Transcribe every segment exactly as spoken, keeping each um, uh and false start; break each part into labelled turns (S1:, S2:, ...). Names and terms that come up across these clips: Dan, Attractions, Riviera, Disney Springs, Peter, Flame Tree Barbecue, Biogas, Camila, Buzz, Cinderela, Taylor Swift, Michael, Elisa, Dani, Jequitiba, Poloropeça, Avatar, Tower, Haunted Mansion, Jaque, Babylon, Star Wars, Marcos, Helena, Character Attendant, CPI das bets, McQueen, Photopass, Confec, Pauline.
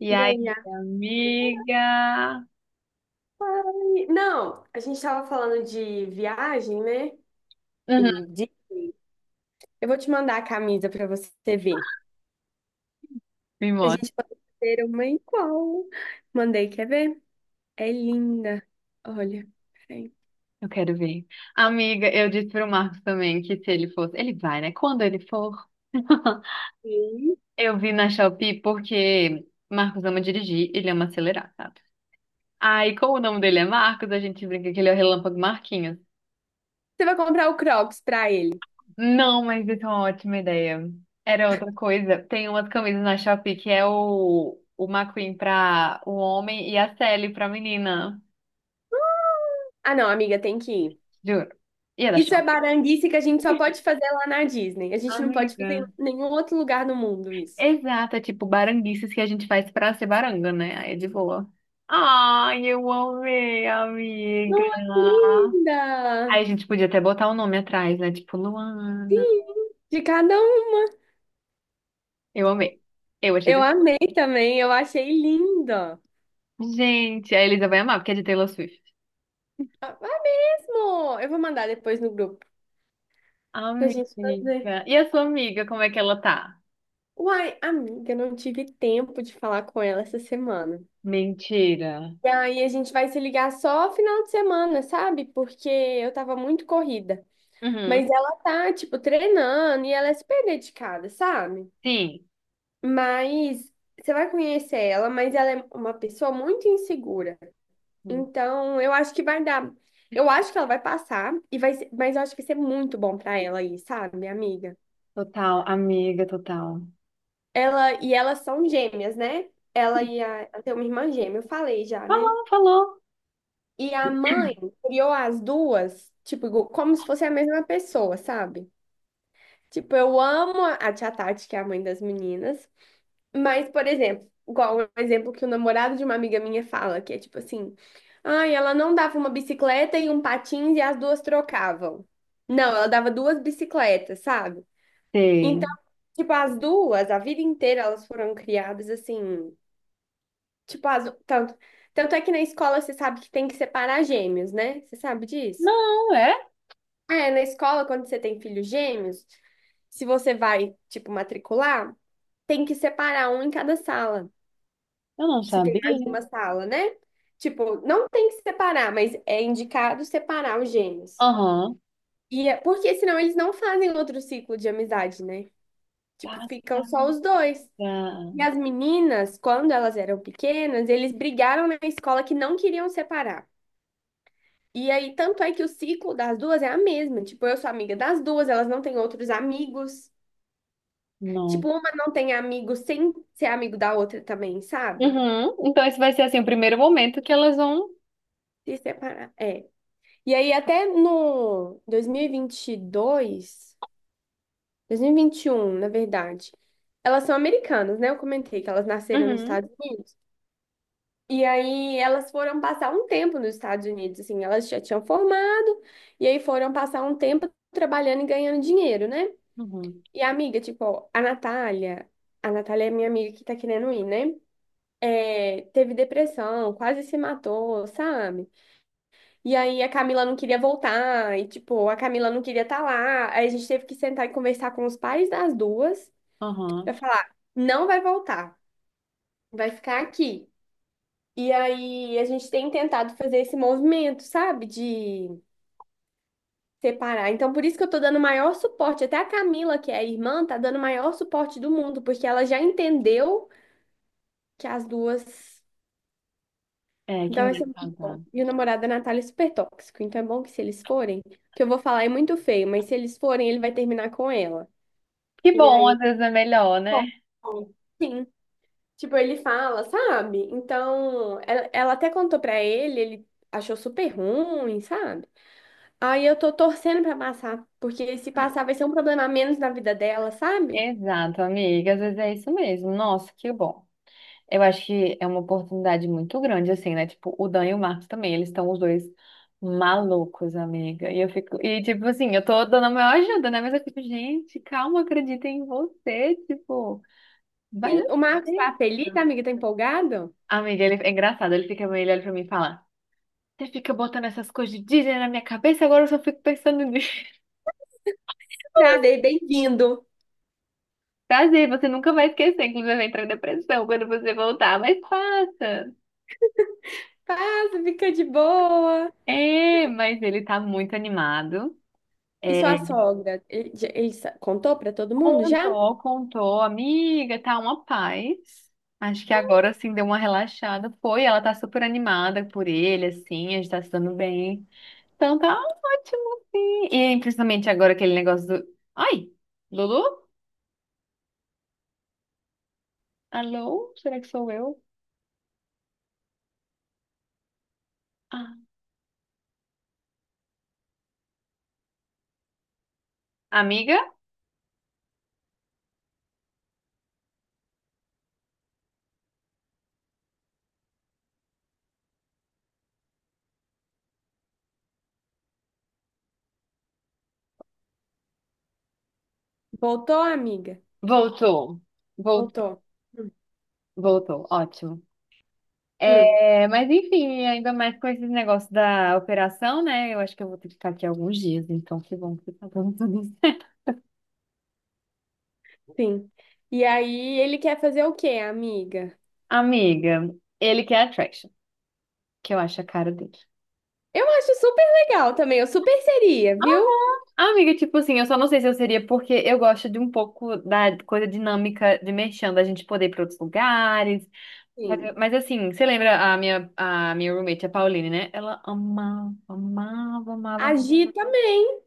S1: E
S2: E
S1: aí,
S2: aí, a-
S1: amiga?
S2: ai, não, a gente tava falando de viagem, né?
S1: Uhum.
S2: E de... eu vou te mandar a camisa pra você ver.
S1: Me
S2: A
S1: mostra,
S2: gente pode ter uma igual. Mandei, quer ver? É linda. Olha, peraí.
S1: eu quero ver. Amiga, eu disse pro Marcos também que se ele fosse. Ele vai, né? Quando ele for.
S2: Sim.
S1: Eu vi na Shopee porque Marcos ama dirigir, ele ama acelerar, sabe? Aí, como o nome dele é Marcos, a gente brinca que ele é o Relâmpago Marquinhos.
S2: Você vai comprar o Crocs pra ele.
S1: Não, mas isso é uma ótima ideia. Era outra coisa. Tem umas camisas na Shopee que é o, o McQueen pra o homem e a Sally pra menina.
S2: Ah, não, amiga, tem que ir.
S1: Juro. E é da
S2: Isso é
S1: Shopee.
S2: baranguice que a gente só pode fazer lá na Disney. A gente não pode fazer
S1: Amiga.
S2: em nenhum outro lugar no mundo isso.
S1: Exato, é tipo baranguices que a gente faz pra ser baranga, né? Aí é de boa. Ai, eu amei, amiga.
S2: Nossa,
S1: Aí
S2: linda!
S1: a gente podia até botar o nome atrás, né? Tipo, Luana.
S2: Sim, de cada um.
S1: Eu amei. Eu achei.
S2: Eu
S1: bem-
S2: amei também, eu achei linda.
S1: Gente, a Elisa vai amar, porque é de Taylor Swift.
S2: Ah, vai mesmo! Eu vou mandar depois no grupo pra gente fazer.
S1: Amiga. E a sua amiga, como é que ela tá?
S2: Uai, amiga, não tive tempo de falar com ela essa semana.
S1: Mentira.
S2: E aí a gente vai se ligar só final de semana, sabe? Porque eu tava muito corrida. Mas
S1: Uhum.
S2: ela tá, tipo, treinando e ela é super dedicada, sabe?
S1: Sim.
S2: Mas você vai conhecer ela, mas ela é uma pessoa muito insegura. Então, eu acho que vai dar. Eu acho que ela vai passar e vai ser- mas eu acho que vai ser muito bom pra ela aí, sabe, minha amiga?
S1: Total, amiga, total.
S2: Ela e elas são gêmeas, né? Ela e a, ela tem uma irmã gêmea, eu falei já, né?
S1: Falou, falou.
S2: E a mãe criou as duas, tipo, igu- como se fosse a mesma pessoa, sabe? Tipo, eu amo a a tia Tati, que é a mãe das meninas. Mas, por exemplo, igual um exemplo que o namorado de uma amiga minha fala, que é tipo assim: ai, ela não dava uma bicicleta e um patins e as duas trocavam. Não, ela dava duas bicicletas, sabe?
S1: Sei.
S2: Então, tipo, as duas, a vida inteira elas foram criadas assim, tipo, as, tanto, tanto é que na escola você sabe que tem que separar gêmeos, né? Você sabe disso?
S1: Não, é?
S2: É, na escola, quando você tem filhos gêmeos, se você vai, tipo, matricular, tem que separar um em cada sala.
S1: Eu não
S2: Se tem mais de
S1: sabia.
S2: uma sala, né? Tipo, não tem que separar, mas é indicado separar os gêmeos.
S1: Aham.
S2: E é, porque senão eles não fazem outro ciclo de amizade, né? Tipo,
S1: Passa.
S2: ficam só os dois. E
S1: Ah,
S2: as meninas, quando elas eram pequenas, eles brigaram na escola que não queriam separar. E aí, tanto é que o ciclo das duas é a mesma. Tipo, eu sou amiga das duas, elas não têm outros amigos.
S1: não.
S2: Tipo, uma não tem amigo sem ser amigo da outra também, sabe?
S1: Uhum. Então esse vai ser assim o primeiro momento que elas vão.
S2: Se separar. É. E aí, até no dois dois dois mil mil e vinte e dois, dois mil e vinte vinte e um na verdade, elas são americanas, né? Eu comentei que elas nasceram nos
S1: Uhum.
S2: Estados Unidos. E aí, elas foram passar um tempo nos Estados Unidos, assim, elas já tinham formado, e aí foram passar um tempo trabalhando e ganhando dinheiro, né?
S1: Uhum.
S2: E a amiga, tipo, a Natália, a Natália é minha amiga que tá querendo ir, né? É, teve depressão, quase se matou, sabe? E aí a Camila não queria voltar, e tipo, a Camila não queria estar lá. Aí a gente teve que sentar e conversar com os pais das duas pra
S1: Aham.
S2: falar, não vai voltar, vai ficar aqui. E aí a gente tem tentado fazer esse movimento, sabe, de separar. Então por isso que eu tô dando maior suporte, até a Camila, que é a irmã, tá dando o maior suporte do mundo, porque ela já entendeu que as duas.
S1: É, que
S2: Então
S1: não
S2: vai
S1: é
S2: ser muito bom.
S1: casado.
S2: E o namorado da Natália é super tóxico. Então é bom que se eles forem, que eu vou falar é muito feio, mas se eles forem, ele vai terminar com ela.
S1: Que
S2: E
S1: bom, às
S2: aí,
S1: vezes é melhor,
S2: bom,
S1: né?
S2: sim. Tipo, ele fala, sabe? Então, ela, ela até contou pra ele, ele achou super ruim, sabe? Aí eu tô torcendo pra passar, porque se passar vai ser um problema a menos na vida dela, sabe?
S1: Exato, amiga, às vezes é isso mesmo. Nossa, que bom. Eu acho que é uma oportunidade muito grande, assim, né? Tipo, o Dan e o Marcos também, eles estão os dois malucos, amiga. E eu fico, e tipo assim, eu tô dando a maior ajuda, né? Mas eu fico, gente, calma, acredita em você, tipo, vai dar
S2: Sim, o Marcos tá feliz,
S1: certo.
S2: a amiga tá empolgado?
S1: Amiga, ele é engraçado. Ele fica meio olhando pra mim e fala: Você fica botando essas coisas de Disney na minha cabeça, agora eu só fico pensando nisso.
S2: Nada, é bem-vindo.
S1: Prazer, você nunca vai esquecer, inclusive vai entrar em depressão quando você voltar, mas passa.
S2: Passa, fica de boa.
S1: É, mas ele tá muito animado.
S2: E
S1: É,
S2: sua sogra, ele, já- ele sa- contou pra todo mundo já?
S1: contou, contou, amiga, tá uma paz. Acho que agora assim deu uma relaxada. Foi, ela tá super animada por ele, assim, a gente tá se dando bem. Então tá ótimo, sim. E principalmente agora aquele negócio do. Ai, Lulu? Alô? Será que sou eu? Ah, amiga?
S2: Voltou, amiga?
S1: Voltou. Voltou,
S2: Voltou. Hum,
S1: voltou. Ótimo.
S2: hum,
S1: É, mas enfim, ainda mais com esses negócios da operação, né? Eu acho que eu vou ter que ficar aqui alguns dias, então que bom que tá dando tudo certo.
S2: sim. E aí ele quer fazer o quê, amiga?
S1: Amiga, ele quer attraction, que eu acho a cara dele.
S2: Eu acho super legal também, eu super seria, viu?
S1: Ah, Amiga, tipo assim, eu só não sei se eu seria porque eu gosto de um pouco da coisa dinâmica de merchan, da gente poder ir pra outros lugares. Mas,
S2: Sim.
S1: mas assim, você lembra a minha, a minha roommate, a Pauline, né? Ela amava, amava, amava. Amava.
S2: Agir também.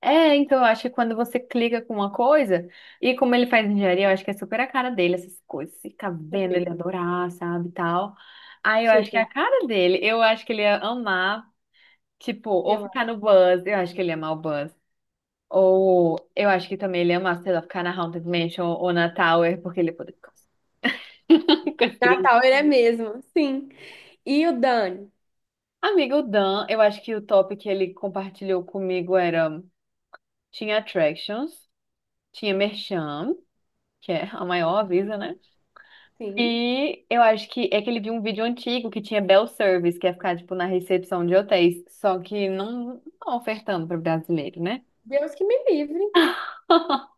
S1: É, então eu acho que quando você clica com uma coisa, e como ele faz engenharia, eu acho que é super a cara dele, essas coisas. Fica vendo
S2: Super,
S1: ele adorar, sabe, e tal. Aí eu acho que é a
S2: super.
S1: cara dele. Eu acho que ele ia amar, tipo, ou
S2: Eu
S1: ficar
S2: acho.
S1: no Buzz, eu acho que ele ia amar o Buzz. Ou eu acho que também ele ia amar, sei lá, ficar na Haunted Mansion ou na Tower, porque ele ia poder ficar com as crianças.
S2: Natal, ele é mesmo, sim. E o Dani?
S1: Amigo o Dan, eu acho que o top que ele compartilhou comigo era tinha Attractions, tinha Merchan, que é a maior avisa, né?
S2: Sim.
S1: E eu acho que é que ele viu um vídeo antigo que tinha Bell Service, que é ficar tipo na recepção de hotéis, só que não, não ofertando para brasileiro, né?
S2: Deus que me livre.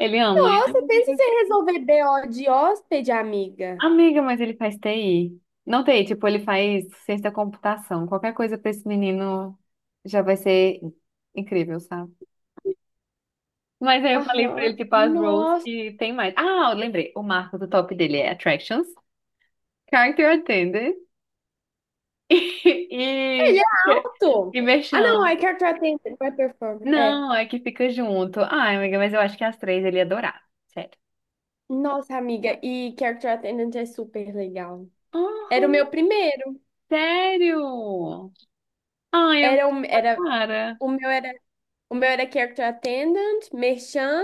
S1: Ele ama.
S2: Nossa, pensa em você resolver B o de hóspede, amiga.
S1: Amiga, mas ele faz T I. Não T I, tipo, ele faz ciência da computação. Qualquer coisa para esse menino já vai ser incrível, sabe? Mas aí eu falei pra
S2: Aham.
S1: ele, tipo, as roles que tem mais. Ah, eu lembrei. O marco do top dele é Attractions, Character Attendant e,
S2: Ele é alto.
S1: e
S2: Ah, não,
S1: Merchan.
S2: é Character Attendant, vai é Performer. É.
S1: Não, é que fica junto. Ai, amiga, mas eu acho que as três ele ia adorar. Sério.
S2: Nossa, amiga, e Character Attendant é super legal. Era o meu
S1: Uhum,
S2: primeiro.
S1: sério? Ai, é muito
S2: Era o,
S1: a
S2: era,
S1: cara.
S2: o meu era, o meu era Character Attendant, Merchan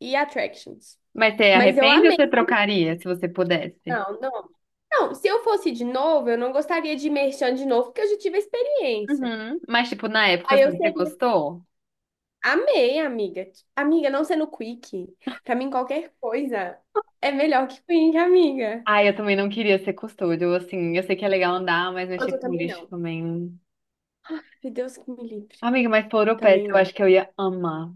S2: e Attractions.
S1: Mas você
S2: Mas eu
S1: arrepende ou
S2: amei.
S1: você trocaria, se você pudesse?
S2: Não, não. Não, se eu fosse de novo, eu não gostaria de Merchan de novo, porque eu já tive a experiência.
S1: Uhum. Mas, tipo, na época,
S2: Aí eu
S1: assim, você
S2: seria.
S1: gostou?
S2: Amei, amiga. Amiga, não sendo quick. Pra mim, qualquer coisa é melhor que quick, amiga.
S1: Ai, eu também não queria ser custódio, assim, eu sei que é legal andar, mas
S2: Mas
S1: mexer
S2: eu
S1: com
S2: também
S1: lixo
S2: não.
S1: também.
S2: Se Deus que me livre.
S1: Amiga, mas Poloropeça,
S2: Também
S1: eu acho
S2: não.
S1: que eu ia amar.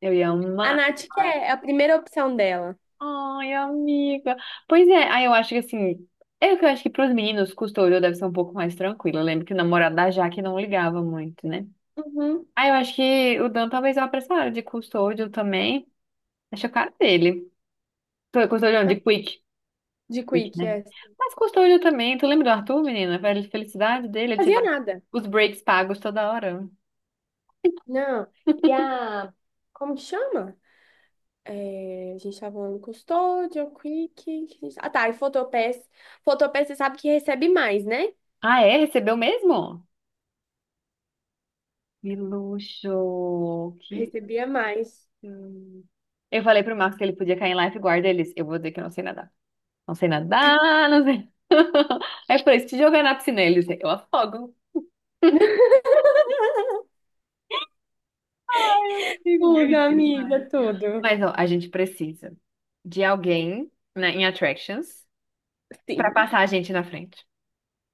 S1: Eu ia
S2: A
S1: amar.
S2: Nath quer, é é a primeira opção dela.
S1: Ai, amiga. Pois é, aí eu acho que assim. É que eu acho que pros meninos, custódio deve ser um pouco mais tranquilo. Eu lembro que o namorado da Jaque não ligava muito, né?
S2: Uhum.
S1: Aí eu acho que o Dan talvez eu apressara de custódio também. Acho a cara dele. Tô- Custódio não, de Quick.
S2: De
S1: Quick,
S2: Quick,
S1: né?
S2: yes.
S1: Mas custódio também. Tu lembra do Arthur, menina? A felicidade dele, ele
S2: Não fazia
S1: tirava
S2: nada.
S1: os breaks pagos toda hora.
S2: Não. E a. Como que chama? É, a gente tava falando Custódio, Quick. Que a gente- ah, tá. E Fotopass. Fotopass, você sabe que recebe mais, né?
S1: Ah, é? Recebeu mesmo? Que luxo! Que
S2: Recebia mais.
S1: Hum. Eu falei pro Marcos que ele podia cair em lifeguard. Eles, eu vou dizer que eu não sei nadar. Não sei nadar, não sei. Aí eu falei, se te jogar na piscina, ele disse, eu afogo.
S2: Tudo,
S1: Demais.
S2: amiga, tudo.
S1: Mas, ó, a gente precisa de alguém, né, em Attractions pra
S2: Sim.
S1: passar a gente na frente.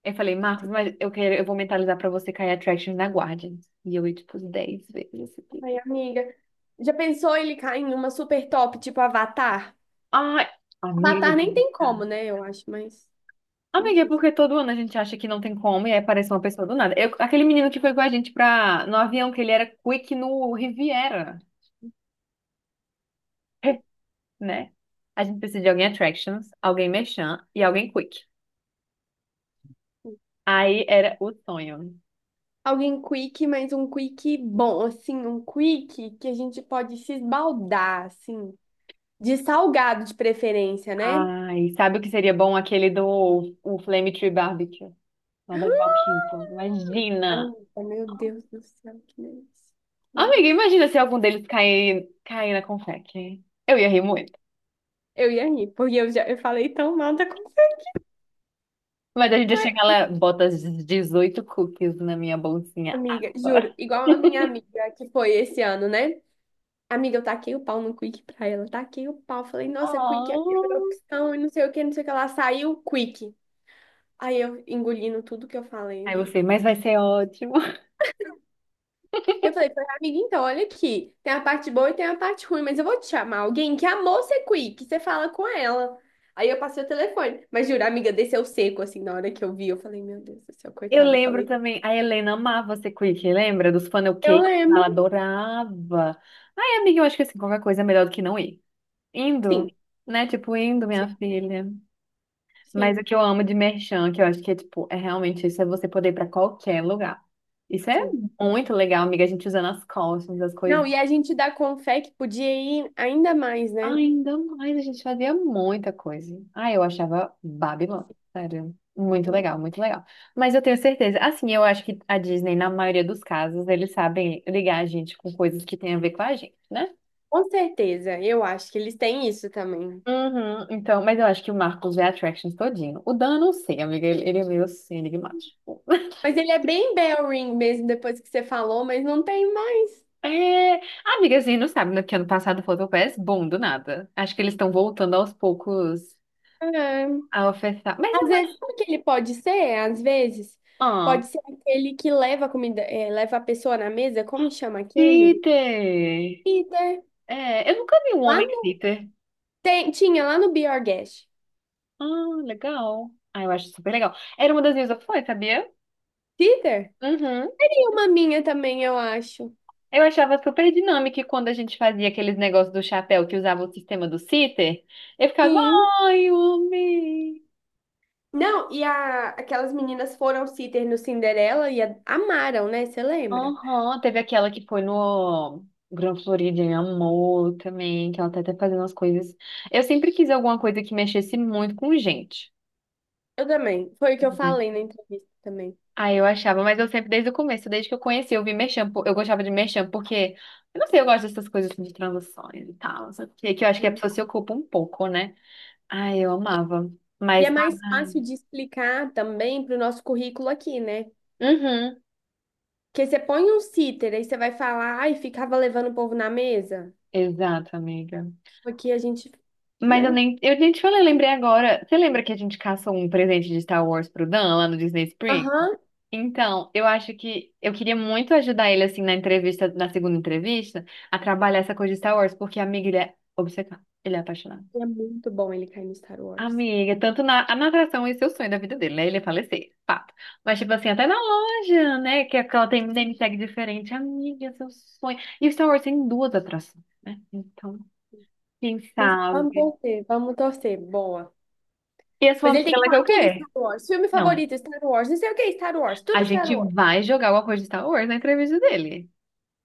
S1: Eu falei, Marcos, mas eu quero, eu vou mentalizar pra você cair em Attractions na Guardians. E eu ia, tipo, dez vezes isso aqui.
S2: Ai, amiga. Já pensou ele cair em uma super top, tipo Avatar?
S1: Ai, amiga.
S2: Avatar nem tem como, né? Eu acho, mas. Não
S1: Amiga, é
S2: sei se-
S1: porque todo ano a gente acha que não tem como e aí aparece uma pessoa do nada. Eu- aquele menino que foi com a gente pra, no avião, que ele era quick no Riviera, né? A gente precisa de alguém attractions, alguém merchan e alguém quick. Aí era o sonho.
S2: Alguém quick, mas um quick bom, assim, um quick que a gente pode se esbaldar, assim. De salgado de preferência, né?
S1: Ai, sabe o que seria bom? Aquele do o Flame Tree Barbecue, lá da Valquíria.
S2: Ah,
S1: Imagina!
S2: amiga, meu Deus do céu, que delícia. Que
S1: Amiga,
S2: delícia.
S1: imagina se algum deles cair, cair na confeque. Eu ia rir muito.
S2: Eu ia rir, porque eu já eu falei tão mal da conversa.
S1: Mas a gente
S2: Ai,
S1: chega lá, bota as dezoito cookies na minha bolsinha
S2: amiga, juro,
S1: agora.
S2: igual a minha amiga que foi esse ano, né? Amiga, eu taquei o pau no Quick pra ela, taquei o pau. Falei, nossa, Quick é a pior
S1: Oh.
S2: opção e não sei o que, não sei o que. Ela saiu, Quick. Aí eu engolindo tudo que eu falei,
S1: Aí
S2: né?
S1: você, mas vai ser ótimo.
S2: Eu falei, falei, amiga, então, olha aqui, tem a parte boa e tem a parte ruim, mas eu vou te chamar alguém que amou ser quick, você fala com ela. Aí eu passei o telefone, mas juro, a amiga desceu seco, assim, na hora que eu vi, eu falei, meu Deus do céu,
S1: Eu
S2: coitada, eu
S1: lembro
S2: falei,
S1: também, a Helena amava ser quick, lembra? Dos funnel
S2: eu
S1: cakes, ela
S2: lembro,
S1: adorava. Ai, amiga, eu acho que assim, qualquer coisa é melhor do que não ir.
S2: sim,
S1: Indo, né? Tipo, indo, minha
S2: sim,
S1: filha. Mas o
S2: sim,
S1: que eu amo de merchan, que eu acho que é tipo, é realmente isso, é você poder ir pra qualquer lugar. Isso é
S2: sim.
S1: muito legal, amiga, a gente usando as costas, as coisas.
S2: Não, e a gente da Confec podia ir ainda mais, né?
S1: Ainda mais, a gente fazia muita coisa. Ah, eu achava Babylon, sério. Muito legal, muito legal. Mas eu tenho certeza, assim, eu acho que a Disney, na maioria dos casos, eles sabem ligar a gente com coisas que têm a ver com a gente, né?
S2: Com certeza, eu acho que eles têm isso também.
S1: Uhum, então, mas eu acho que o Marcos vê Attractions todinho. O Dan, eu não sei, amiga, ele, ele é meio assim, enigmático.
S2: Mas ele é bem bell ring mesmo, depois que você falou, mas não tem mais.
S1: É, amiga, assim, não sabe, né, que ano passado o Photopass, bom, do nada. Acho que eles estão voltando aos poucos
S2: É.
S1: a ofertar. Mas
S2: Às
S1: eu
S2: vezes,
S1: acho.
S2: sabe o que ele pode ser? Às vezes,
S1: Ah,
S2: pode ser aquele que leva a comida, eh, leva a pessoa na mesa, como chama aquele?
S1: Peter!
S2: Peter.
S1: É, eu nunca vi um
S2: Lá
S1: homem
S2: no,
S1: glitter.
S2: tem- tinha lá no Biogas.
S1: Ah, legal. Ah, eu acho super legal. Era uma das minhas opções, sabia?
S2: Peter?
S1: Uhum.
S2: Tem uma minha também, eu acho.
S1: Eu achava super dinâmico e quando a gente fazia aqueles negócios do chapéu que usava o sistema do sitter. Eu ficava,
S2: Sim.
S1: ai, homem.
S2: Não, e a, aquelas meninas foram sitter no Cinderela e a- amaram, né? Você lembra?
S1: Aham, teve aquela que foi no Gran Florida e amou também, que ela tá até fazendo as coisas. Eu sempre quis alguma coisa que mexesse muito com gente.
S2: Eu também. Foi o que eu
S1: Né?
S2: falei na entrevista também.
S1: Ah, eu achava, mas eu sempre, desde o começo, desde que eu conheci, eu vi merchan, po- eu gostava de merchan, porque, eu não sei, eu gosto dessas coisas assim, de transações e tal, não sei o quê, que eu acho que a
S2: Sim.
S1: pessoa se ocupa um pouco, né? Ah, eu amava,
S2: E
S1: mas,
S2: é mais
S1: ah,
S2: fácil de explicar também para o nosso currículo aqui, né?
S1: uhum,
S2: Porque você põe um cíter, aí você vai falar, ai, ficava levando o povo na mesa.
S1: exato, amiga.
S2: Aqui a gente,
S1: Mas eu
S2: né?
S1: nem, eu nem te falei, lembrei agora, você lembra que a gente caçou um presente de Star Wars pro Dan, lá no Disney Springs?
S2: Aham.
S1: Então, eu acho que eu queria muito ajudar ele, assim, na entrevista, na segunda entrevista, a trabalhar essa coisa de Star Wars, porque, amiga, ele é obcecado, ele é apaixonado.
S2: É muito bom ele cair no Star Wars.
S1: Amiga, tanto na, a natação, esse é o sonho da vida dele, né? Ele é falecer, fato. Mas, tipo assim, até na loja, né? Que aquela tem um name tag diferente. Amiga, seu sonho. E Star Wars tem duas atrações, né? Então, quem
S2: Quem sabe- vamos
S1: sabe?
S2: torcer, vamos torcer. Boa.
S1: E a sua
S2: Mas ele
S1: amiga,
S2: tem que
S1: ela quer
S2: falar
S1: o
S2: tudo
S1: quê?
S2: Star Wars. Filme
S1: Não, é.
S2: favorito, Star Wars. Não sei o que, é Star Wars.
S1: A
S2: Tudo Star
S1: gente
S2: Wars.
S1: vai jogar alguma coisa de Star Wars na entrevista dele.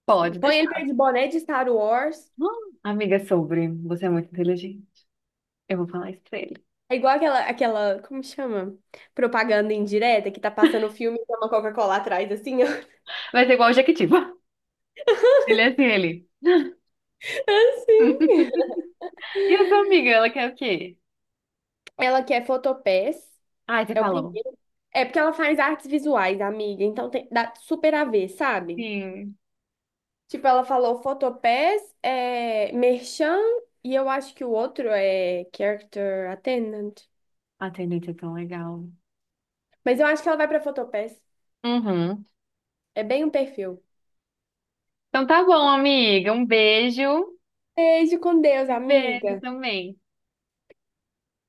S1: Pode
S2: Põe ele perto
S1: deixar.
S2: de boné de Star Wars.
S1: Hum, amiga, sobre. Você é muito inteligente. Eu vou falar isso pra ele.
S2: É igual aquela, aquela, como chama? Propaganda indireta que tá passando o filme e tem uma Coca-Cola atrás, assim, ó.
S1: Vai ser igual o Jequitiba. Ele é assim, ele.
S2: Assim.
S1: E a sua amiga, ela quer o quê?
S2: Ela quer Photopass.
S1: Ai, você
S2: É o
S1: falou.
S2: primeiro. É porque ela faz artes visuais, amiga, então tem, dá super a ver, sabe?
S1: Sim.
S2: Tipo, ela falou Photopass, é, Merchan, e eu acho que o outro é Character Attendant.
S1: Atendente é tão legal.
S2: Mas eu acho que ela vai pra Photopass.
S1: Uhum.
S2: É bem um perfil.
S1: Então tá bom, amiga. Um beijo.
S2: Beijo com Deus,
S1: E beijo
S2: amiga.
S1: também.